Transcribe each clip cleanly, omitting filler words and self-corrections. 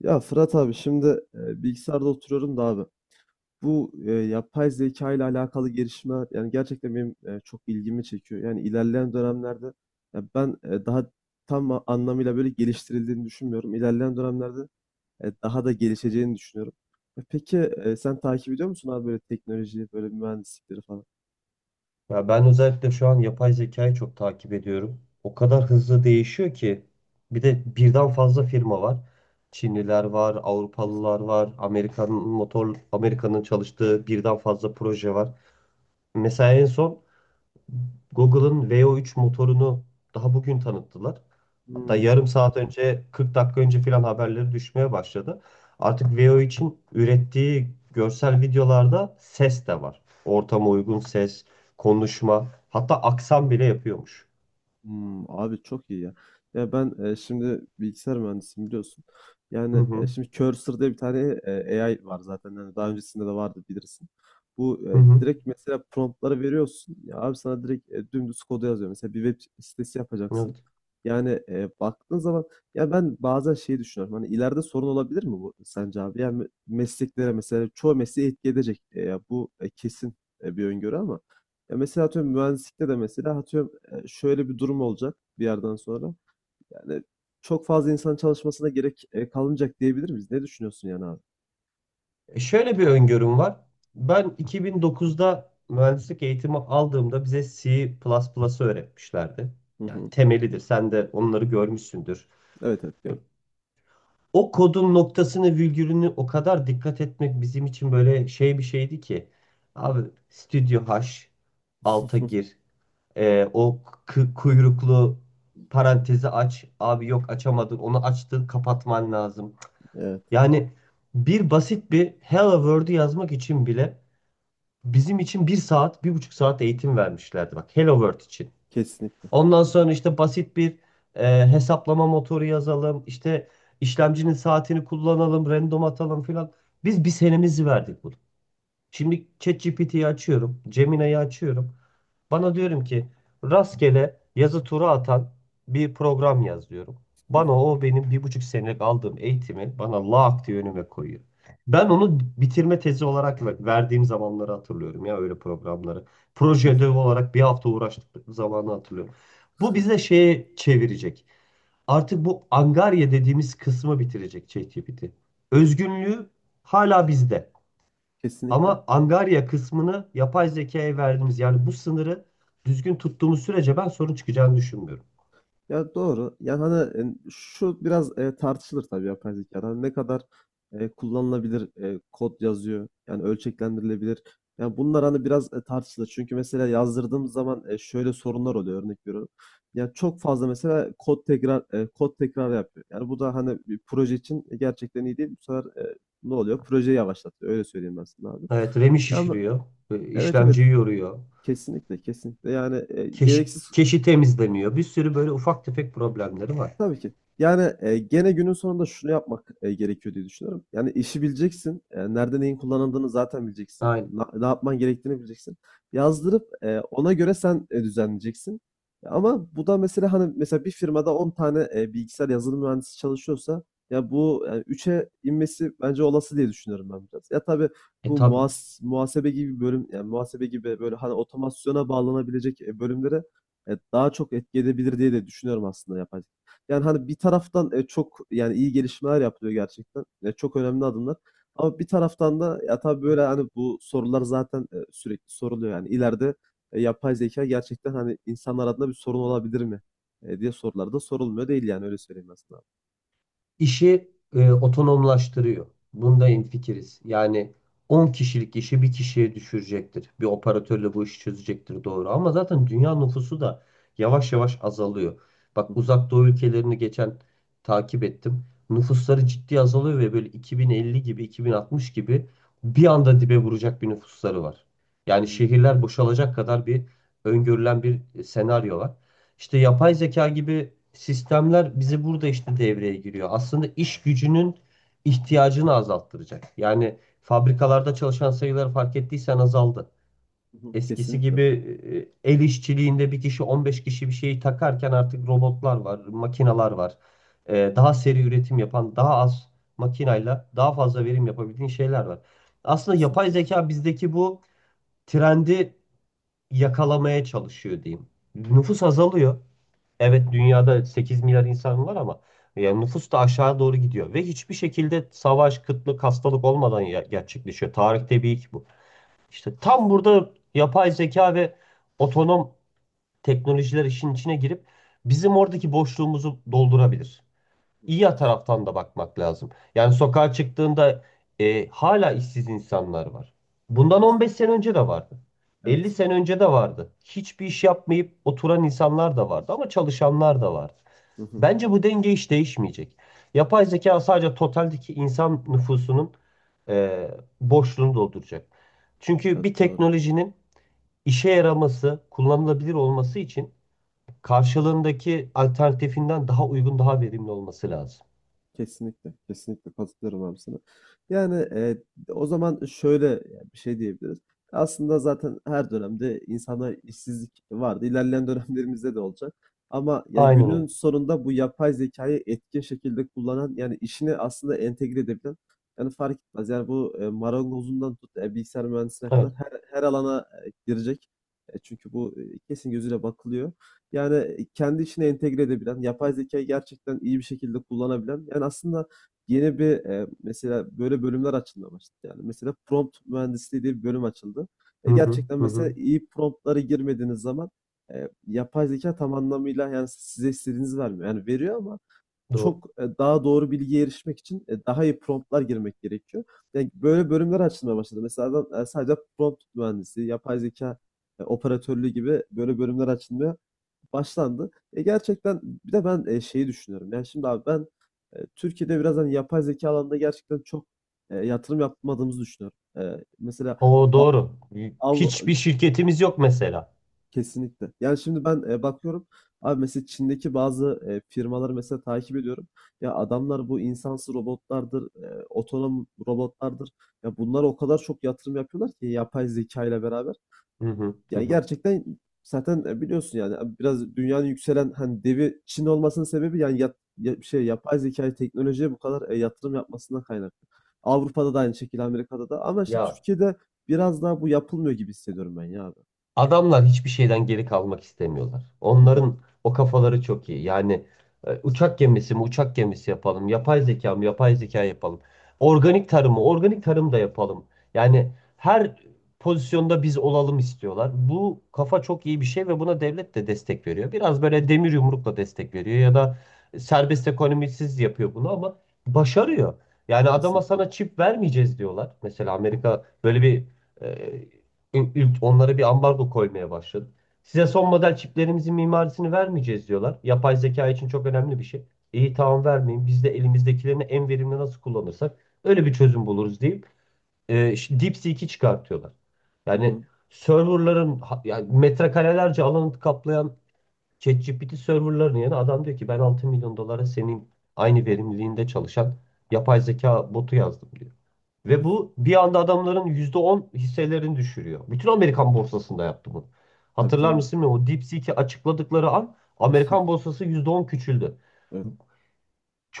Ya Fırat abi, şimdi bilgisayarda oturuyorum da abi. Bu yapay zeka ile alakalı gelişmeler, yani gerçekten benim çok ilgimi çekiyor. Yani ilerleyen dönemlerde ya, ben daha tam anlamıyla böyle geliştirildiğini düşünmüyorum. İlerleyen dönemlerde daha da gelişeceğini düşünüyorum. Peki, sen takip ediyor musun abi böyle teknolojiyi, böyle mühendislikleri falan? Ya ben özellikle şu an yapay zekayı çok takip ediyorum. O kadar hızlı değişiyor ki bir de birden fazla firma var. Çinliler var, Kesin. Avrupalılar var, Amerika'nın çalıştığı birden fazla proje var. Mesela en son Google'ın VO3 motorunu daha bugün tanıttılar. Hatta Hmm. yarım saat önce, 40 dakika önce filan haberleri düşmeye başladı. Artık vo için ürettiği görsel videolarda ses de var. Ortama uygun ses, konuşma, hatta aksan bile yapıyormuş. Abi çok iyi ya. Ya ben, şimdi bilgisayar mühendisiyim, biliyorsun. Hı Yani hı. şimdi Cursor diye bir tane AI var zaten. Yani daha öncesinde de vardı, bilirsin. Bu Hı hı. direkt mesela promptları veriyorsun. Ya abi, sana direkt dümdüz kodu yazıyor. Mesela bir web sitesi yapacaksın. Evet. Yani baktığın zaman ya, ben bazen şeyi düşünüyorum. Hani ileride sorun olabilir mi bu sence abi? Yani mesleklere, mesela çoğu mesleği etki edecek. Ya bu kesin bir öngörü ama ya, mesela atıyorum mühendislikte de mesela atıyorum, şöyle bir durum olacak bir yerden sonra. Yani çok fazla insan çalışmasına gerek kalmayacak diyebilir miyiz? Ne düşünüyorsun yani abi? Şöyle bir öngörüm var. Ben 2009'da mühendislik eğitimi aldığımda bize C++'ı öğretmişlerdi. Hı Yani hı. temelidir. Sen de onları görmüşsündür. Evet, evet, E, gördüm. O kodun noktasını, virgülünü o kadar dikkat etmek bizim için böyle şey bir şeydi ki. Abi Studio H alta gir. O kuyruklu parantezi aç. Abi yok açamadın. Onu açtın, kapatman lazım. Evet, Yani bir basit bir Hello World'u yazmak için bile bizim için bir saat, bir buçuk saat eğitim vermişlerdi. Bak Hello World için. kesinlikle. Ondan sonra işte basit bir hesaplama motoru yazalım. İşte işlemcinin saatini kullanalım, random atalım filan. Biz bir senemizi verdik bunu. Şimdi ChatGPT'yi açıyorum, Gemini'yi açıyorum. Bana diyorum ki rastgele yazı tura atan bir program yaz diyorum. Bana o benim bir buçuk senelik aldığım eğitimi bana lak diye önüme koyuyor. Ben onu bitirme tezi olarak verdiğim zamanları hatırlıyorum ya öyle programları. Proje Kes- ödevi olarak bir hafta uğraştık zamanı hatırlıyorum. Bu bize şeye çevirecek. Artık bu angarya dediğimiz kısmı bitirecek ChatGPT. Özgünlüğü hala bizde. Kesinlikle. Ama Angarya kısmını yapay zekaya verdiğimiz yani bu sınırı düzgün tuttuğumuz sürece ben sorun çıkacağını düşünmüyorum. Ya, doğru. Yani hani, şu biraz tartışılır tabii yapay zekada. Hani ne kadar kullanılabilir kod yazıyor. Yani ölçeklendirilebilir. Yani bunlar hani biraz tartışılır. Çünkü mesela yazdırdığım zaman şöyle sorunlar oluyor, örnek veriyorum. Yani çok fazla mesela kod tekrar yapıyor. Yani bu da hani bir proje için gerçekten iyi değil. Bu sefer ne oluyor? Projeyi yavaşlatıyor. Öyle söyleyeyim ben sana abi. Evet, RAM'i Ya ama şişiriyor, evet, evet, işlemciyi yoruyor, kesinlikle, kesinlikle. Yani keşi, gereksiz. keşi temizlemiyor. Bir sürü böyle ufak tefek problemleri var. Tabii ki. Yani, gene günün sonunda şunu yapmak, gerekiyor diye düşünüyorum. Yani, işi bileceksin, nerede neyin kullanıldığını zaten bileceksin. Aynen. Ne yapman gerektiğini bileceksin. Yazdırıp, ona göre sen, düzenleyeceksin. Ama bu da mesela, hani, mesela bir firmada 10 tane, bilgisayar yazılım mühendisi çalışıyorsa ya, bu, 3'e inmesi bence olası diye düşünüyorum ben biraz. Ya, tabii E bu tabi. Muhasebe gibi bir bölüm, yani muhasebe gibi, böyle, hani, otomasyona bağlanabilecek, bölümlere, daha çok etki edebilir diye de düşünüyorum aslında yapay. Yani, hani, bir taraftan, çok, yani iyi gelişmeler yapılıyor gerçekten. Ya, çok önemli adımlar ama bir taraftan da ya, tabii, böyle, hani, bu sorular zaten, sürekli soruluyor, yani ileride, yapay zeka gerçekten, hani, insanlar adına bir sorun olabilir mi, diye sorular da sorulmuyor değil, yani öyle söyleyeyim aslında. İşi otonomlaştırıyor. Bunda hemfikiriz. Yani 10 kişilik işi bir kişiye düşürecektir. Bir operatörle bu işi çözecektir doğru. Ama zaten dünya nüfusu da yavaş yavaş azalıyor. Bak Hı hı. Uzak Doğu ülkelerini geçen takip ettim. Nüfusları ciddi azalıyor ve böyle 2050 gibi 2060 gibi bir anda dibe vuracak bir nüfusları var. Yani Hımm. şehirler boşalacak kadar bir öngörülen bir senaryo var. İşte yapay zeka gibi sistemler bizi burada işte devreye giriyor. Aslında iş gücünün ihtiyacını azalttıracak. Yani fabrikalarda çalışan sayıları fark ettiysen azaldı. Hı hı. Eskisi Kesinlikle, gibi el işçiliğinde bir kişi 15 kişi bir şeyi takarken artık robotlar var, makineler var. Daha seri üretim yapan, daha az makinayla daha fazla verim yapabildiğin şeyler var. Aslında yapay kesinlikle. zeka bizdeki bu trendi yakalamaya çalışıyor diyeyim. Nüfus azalıyor. Evet, dünyada 8 milyar insan var ama yani nüfus da aşağı doğru gidiyor ve hiçbir şekilde savaş, kıtlık, hastalık olmadan gerçekleşiyor. Tarihte bir ilk bu. İşte tam Kesinlikle. burada yapay zeka ve otonom teknolojiler işin içine girip bizim oradaki boşluğumuzu doldurabilir. Hı. İyi taraftan da bakmak lazım. Yani sokağa çıktığında hala işsiz insanlar var. Bundan 15 Kesin. sene önce de vardı. elli Evet. sene önce de vardı. Hiçbir iş yapmayıp oturan insanlar da vardı ama çalışanlar da vardı. Hı hı. Bence bu denge hiç değişmeyecek. Yapay zeka sadece totaldeki insan nüfusunun e, boşluğunu dolduracak. Çünkü bir Evet, doğru. teknolojinin işe yaraması, kullanılabilir olması için karşılığındaki alternatifinden daha uygun, daha verimli olması lazım. Kesinlikle, kesinlikle katılıyorum abi sana. Yani o zaman şöyle yani bir şey diyebiliriz. Aslında zaten her dönemde insanlar işsizlik vardı. İlerleyen dönemlerimizde de olacak. Ama yani Aynen günün öyle. sonunda bu yapay zekayı etkin şekilde kullanan, yani işini aslında entegre edebilen, yani fark etmez. Yani bu marangozundan tut, bilgisayar mühendisine kadar Evet. her alana girecek. Çünkü bu kesin gözüyle bakılıyor. Yani kendi içine entegre edebilen, yapay zekayı gerçekten iyi bir şekilde kullanabilen, yani aslında yeni bir mesela böyle bölümler açılmaya başladı. Yani mesela prompt mühendisliği diye bir bölüm açıldı. Hı hı, Gerçekten hı hı. mesela iyi promptları girmediğiniz zaman yapay zeka tam anlamıyla yani size istediğinizi vermiyor. Yani veriyor ama Doğru. çok, daha doğru bilgiye erişmek için daha iyi promptlar girmek gerekiyor. Yani böyle bölümler açılmaya başladı. Mesela adam, sadece prompt mühendisi, yapay zeka operatörlüğü gibi böyle bölümler açılmaya başlandı. Gerçekten bir de ben, şeyi düşünüyorum. Yani, şimdi abi ben, Türkiye'de biraz, hani, yapay zeka alanında gerçekten çok, yatırım yapmadığımızı düşünüyorum. Mesela O a doğru. av Hiçbir şirketimiz yok mesela. Kesinlikle. Yani, şimdi ben, bakıyorum abi, mesela Çin'deki bazı, firmaları mesela takip ediyorum. Ya, adamlar bu insansız robotlardır, otonom robotlardır. Ya, bunlara o kadar çok yatırım yapıyorlar ki yapay zeka ile beraber. Hı hı, hı Ya hı. gerçekten zaten, biliyorsun yani, biraz dünyanın yükselen, hani, devi Çin olmasının sebebi yani ya şey, yapay zekâya, teknolojiye bu kadar, yatırım yapmasından kaynaklı. Avrupa'da da aynı şekilde, Amerika'da da, ama işte Ya, Türkiye'de biraz daha bu yapılmıyor gibi hissediyorum ben ya abi. adamlar hiçbir şeyden geri kalmak istemiyorlar. Hı hı. Onların o kafaları çok iyi. Yani uçak gemisi mi uçak gemisi yapalım, yapay zeka mı yapay zeka yapalım, organik tarımı organik tarım da yapalım. Yani her pozisyonda biz olalım istiyorlar. Bu kafa çok iyi bir şey ve buna devlet de destek veriyor. Biraz böyle demir yumrukla destek veriyor ya da serbest ekonomisiz yapıyor bunu ama başarıyor. Yani adama Kesinlikle. sana çip vermeyeceğiz diyorlar. Mesela Amerika böyle bir e, onlara bir ambargo koymaya başladı. Size son model çiplerimizin mimarisini vermeyeceğiz diyorlar. Yapay zeka için çok önemli bir şey. İyi tamam vermeyin. Biz de elimizdekilerini en verimli nasıl kullanırsak öyle bir çözüm buluruz deyip işte DeepSeek'i çıkartıyorlar. Hı Yani hı. Yani metrekarelerce alanı kaplayan ChatGPT serverların yerine adam diyor ki ben 6 milyon dolara senin aynı verimliliğinde çalışan yapay zeka botu yazdım diyor. Ve bu bir anda adamların %10 hisselerini düşürüyor. Bütün Amerikan borsasında yaptı bunu. Tabii, Hatırlar tabii. mısın bilmiyorum. O DeepSeek'i açıkladıkları an Amerikan borsası %10 küçüldü. Evet.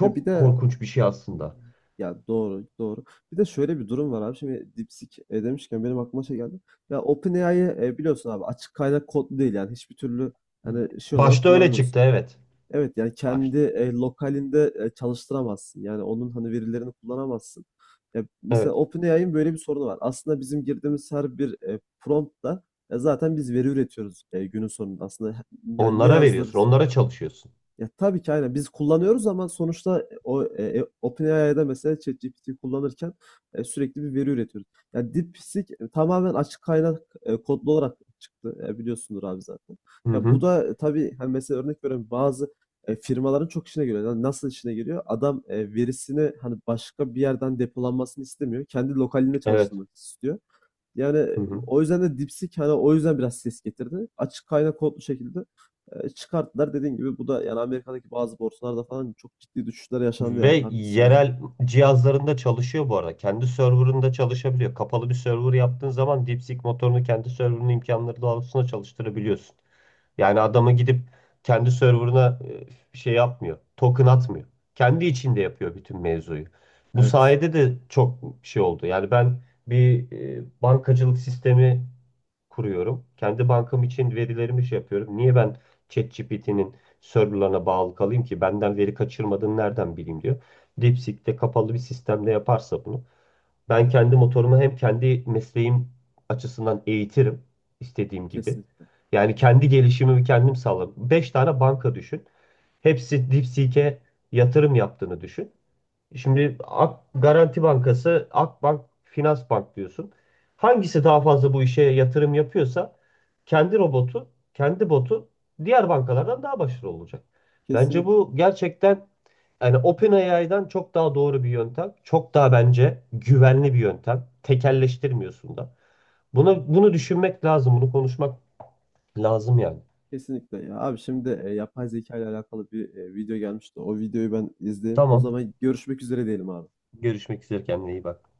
Ya bir de korkunç bir şey aslında. Ya doğru, doğru. Bir de şöyle bir durum var abi. Şimdi DeepSeek, demişken benim aklıma şey geldi. Ya, OpenAI'yı, biliyorsun abi, açık kaynak kodlu değil, yani hiçbir türlü, hani, şey olarak Başta öyle kullanamıyorsun. çıktı evet. Evet, yani Baş. kendi lokalinde çalıştıramazsın. Yani onun hani verilerini kullanamazsın. Ya mesela Evet. OpenAI'ın böyle bir sorunu var. Aslında bizim girdiğimiz her bir promptla zaten biz veri üretiyoruz günün sonunda. Aslında he- yani ne Onlara yazdır veriyorsun, onlara çalışıyorsun. ya tabii ki aynen biz kullanıyoruz ama sonuçta, OpenAI'da mesela ChatGPT'yi kullanırken sürekli bir veri üretiyoruz. Yani DeepSeek tamamen açık kaynak kodlu olarak çıktı. Biliyorsundur abi zaten. Hı Ya bu hı. da tabii hani mesela örnek veriyorum, bazı firmaların çok işine geliyor. Yani nasıl işine geliyor? Adam verisini hani başka bir yerden depolanmasını istemiyor. Kendi lokalinde Evet. çalıştırmak istiyor. Yani Hı hı. o yüzden de DeepSeek hani o yüzden biraz ses getirdi. Açık kaynak kodlu şekilde çıkarttılar. Dediğin gibi bu da yani Amerika'daki bazı borsalarda falan çok ciddi düşüşler yaşandı Ve yani. Haklısın abi. yerel cihazlarında çalışıyor bu arada. Kendi serverında çalışabiliyor. Kapalı bir server yaptığın zaman DeepSeek motorunu kendi serverının imkanları doğrultusunda çalıştırabiliyorsun. Yani adama Hmm, gidip kendi serverına şey yapmıyor. Token atmıyor. Kendi içinde yapıyor bütün mevzuyu. Bu Evet. sayede de çok şey oldu. Yani ben bir bankacılık sistemi kuruyorum. Kendi bankam için verilerimi şey yapıyorum. Niye ben ChatGPT'nin serverlarına bağlı kalayım ki benden veri kaçırmadığını nereden bileyim diyor. DeepSeek'te kapalı bir sistemde yaparsa bunu ben kendi motorumu hem kendi mesleğim açısından eğitirim istediğim gibi. Kesinlikle. Yani kendi gelişimimi kendim sağlarım. 5 tane banka düşün. Hepsi DeepSeek'e yatırım yaptığını düşün. Şimdi Ak Garanti Bankası, Akbank, Finansbank diyorsun. Hangisi daha fazla bu işe yatırım yapıyorsa kendi robotu, kendi botu diğer bankalardan daha başarılı olacak. Bence Kesinlikle. bu gerçekten yani OpenAI'dan çok daha doğru bir yöntem. Çok daha bence güvenli bir yöntem. Tekelleştirmiyorsun da. Bunu düşünmek lazım, bunu konuşmak lazım yani. Kesinlikle. Ya abi, şimdi yapay zeka ile alakalı bir video gelmişti. O videoyu ben izleyeyim. O Tamam. zaman görüşmek üzere diyelim abi. Görüşmek üzere kendine iyi bak.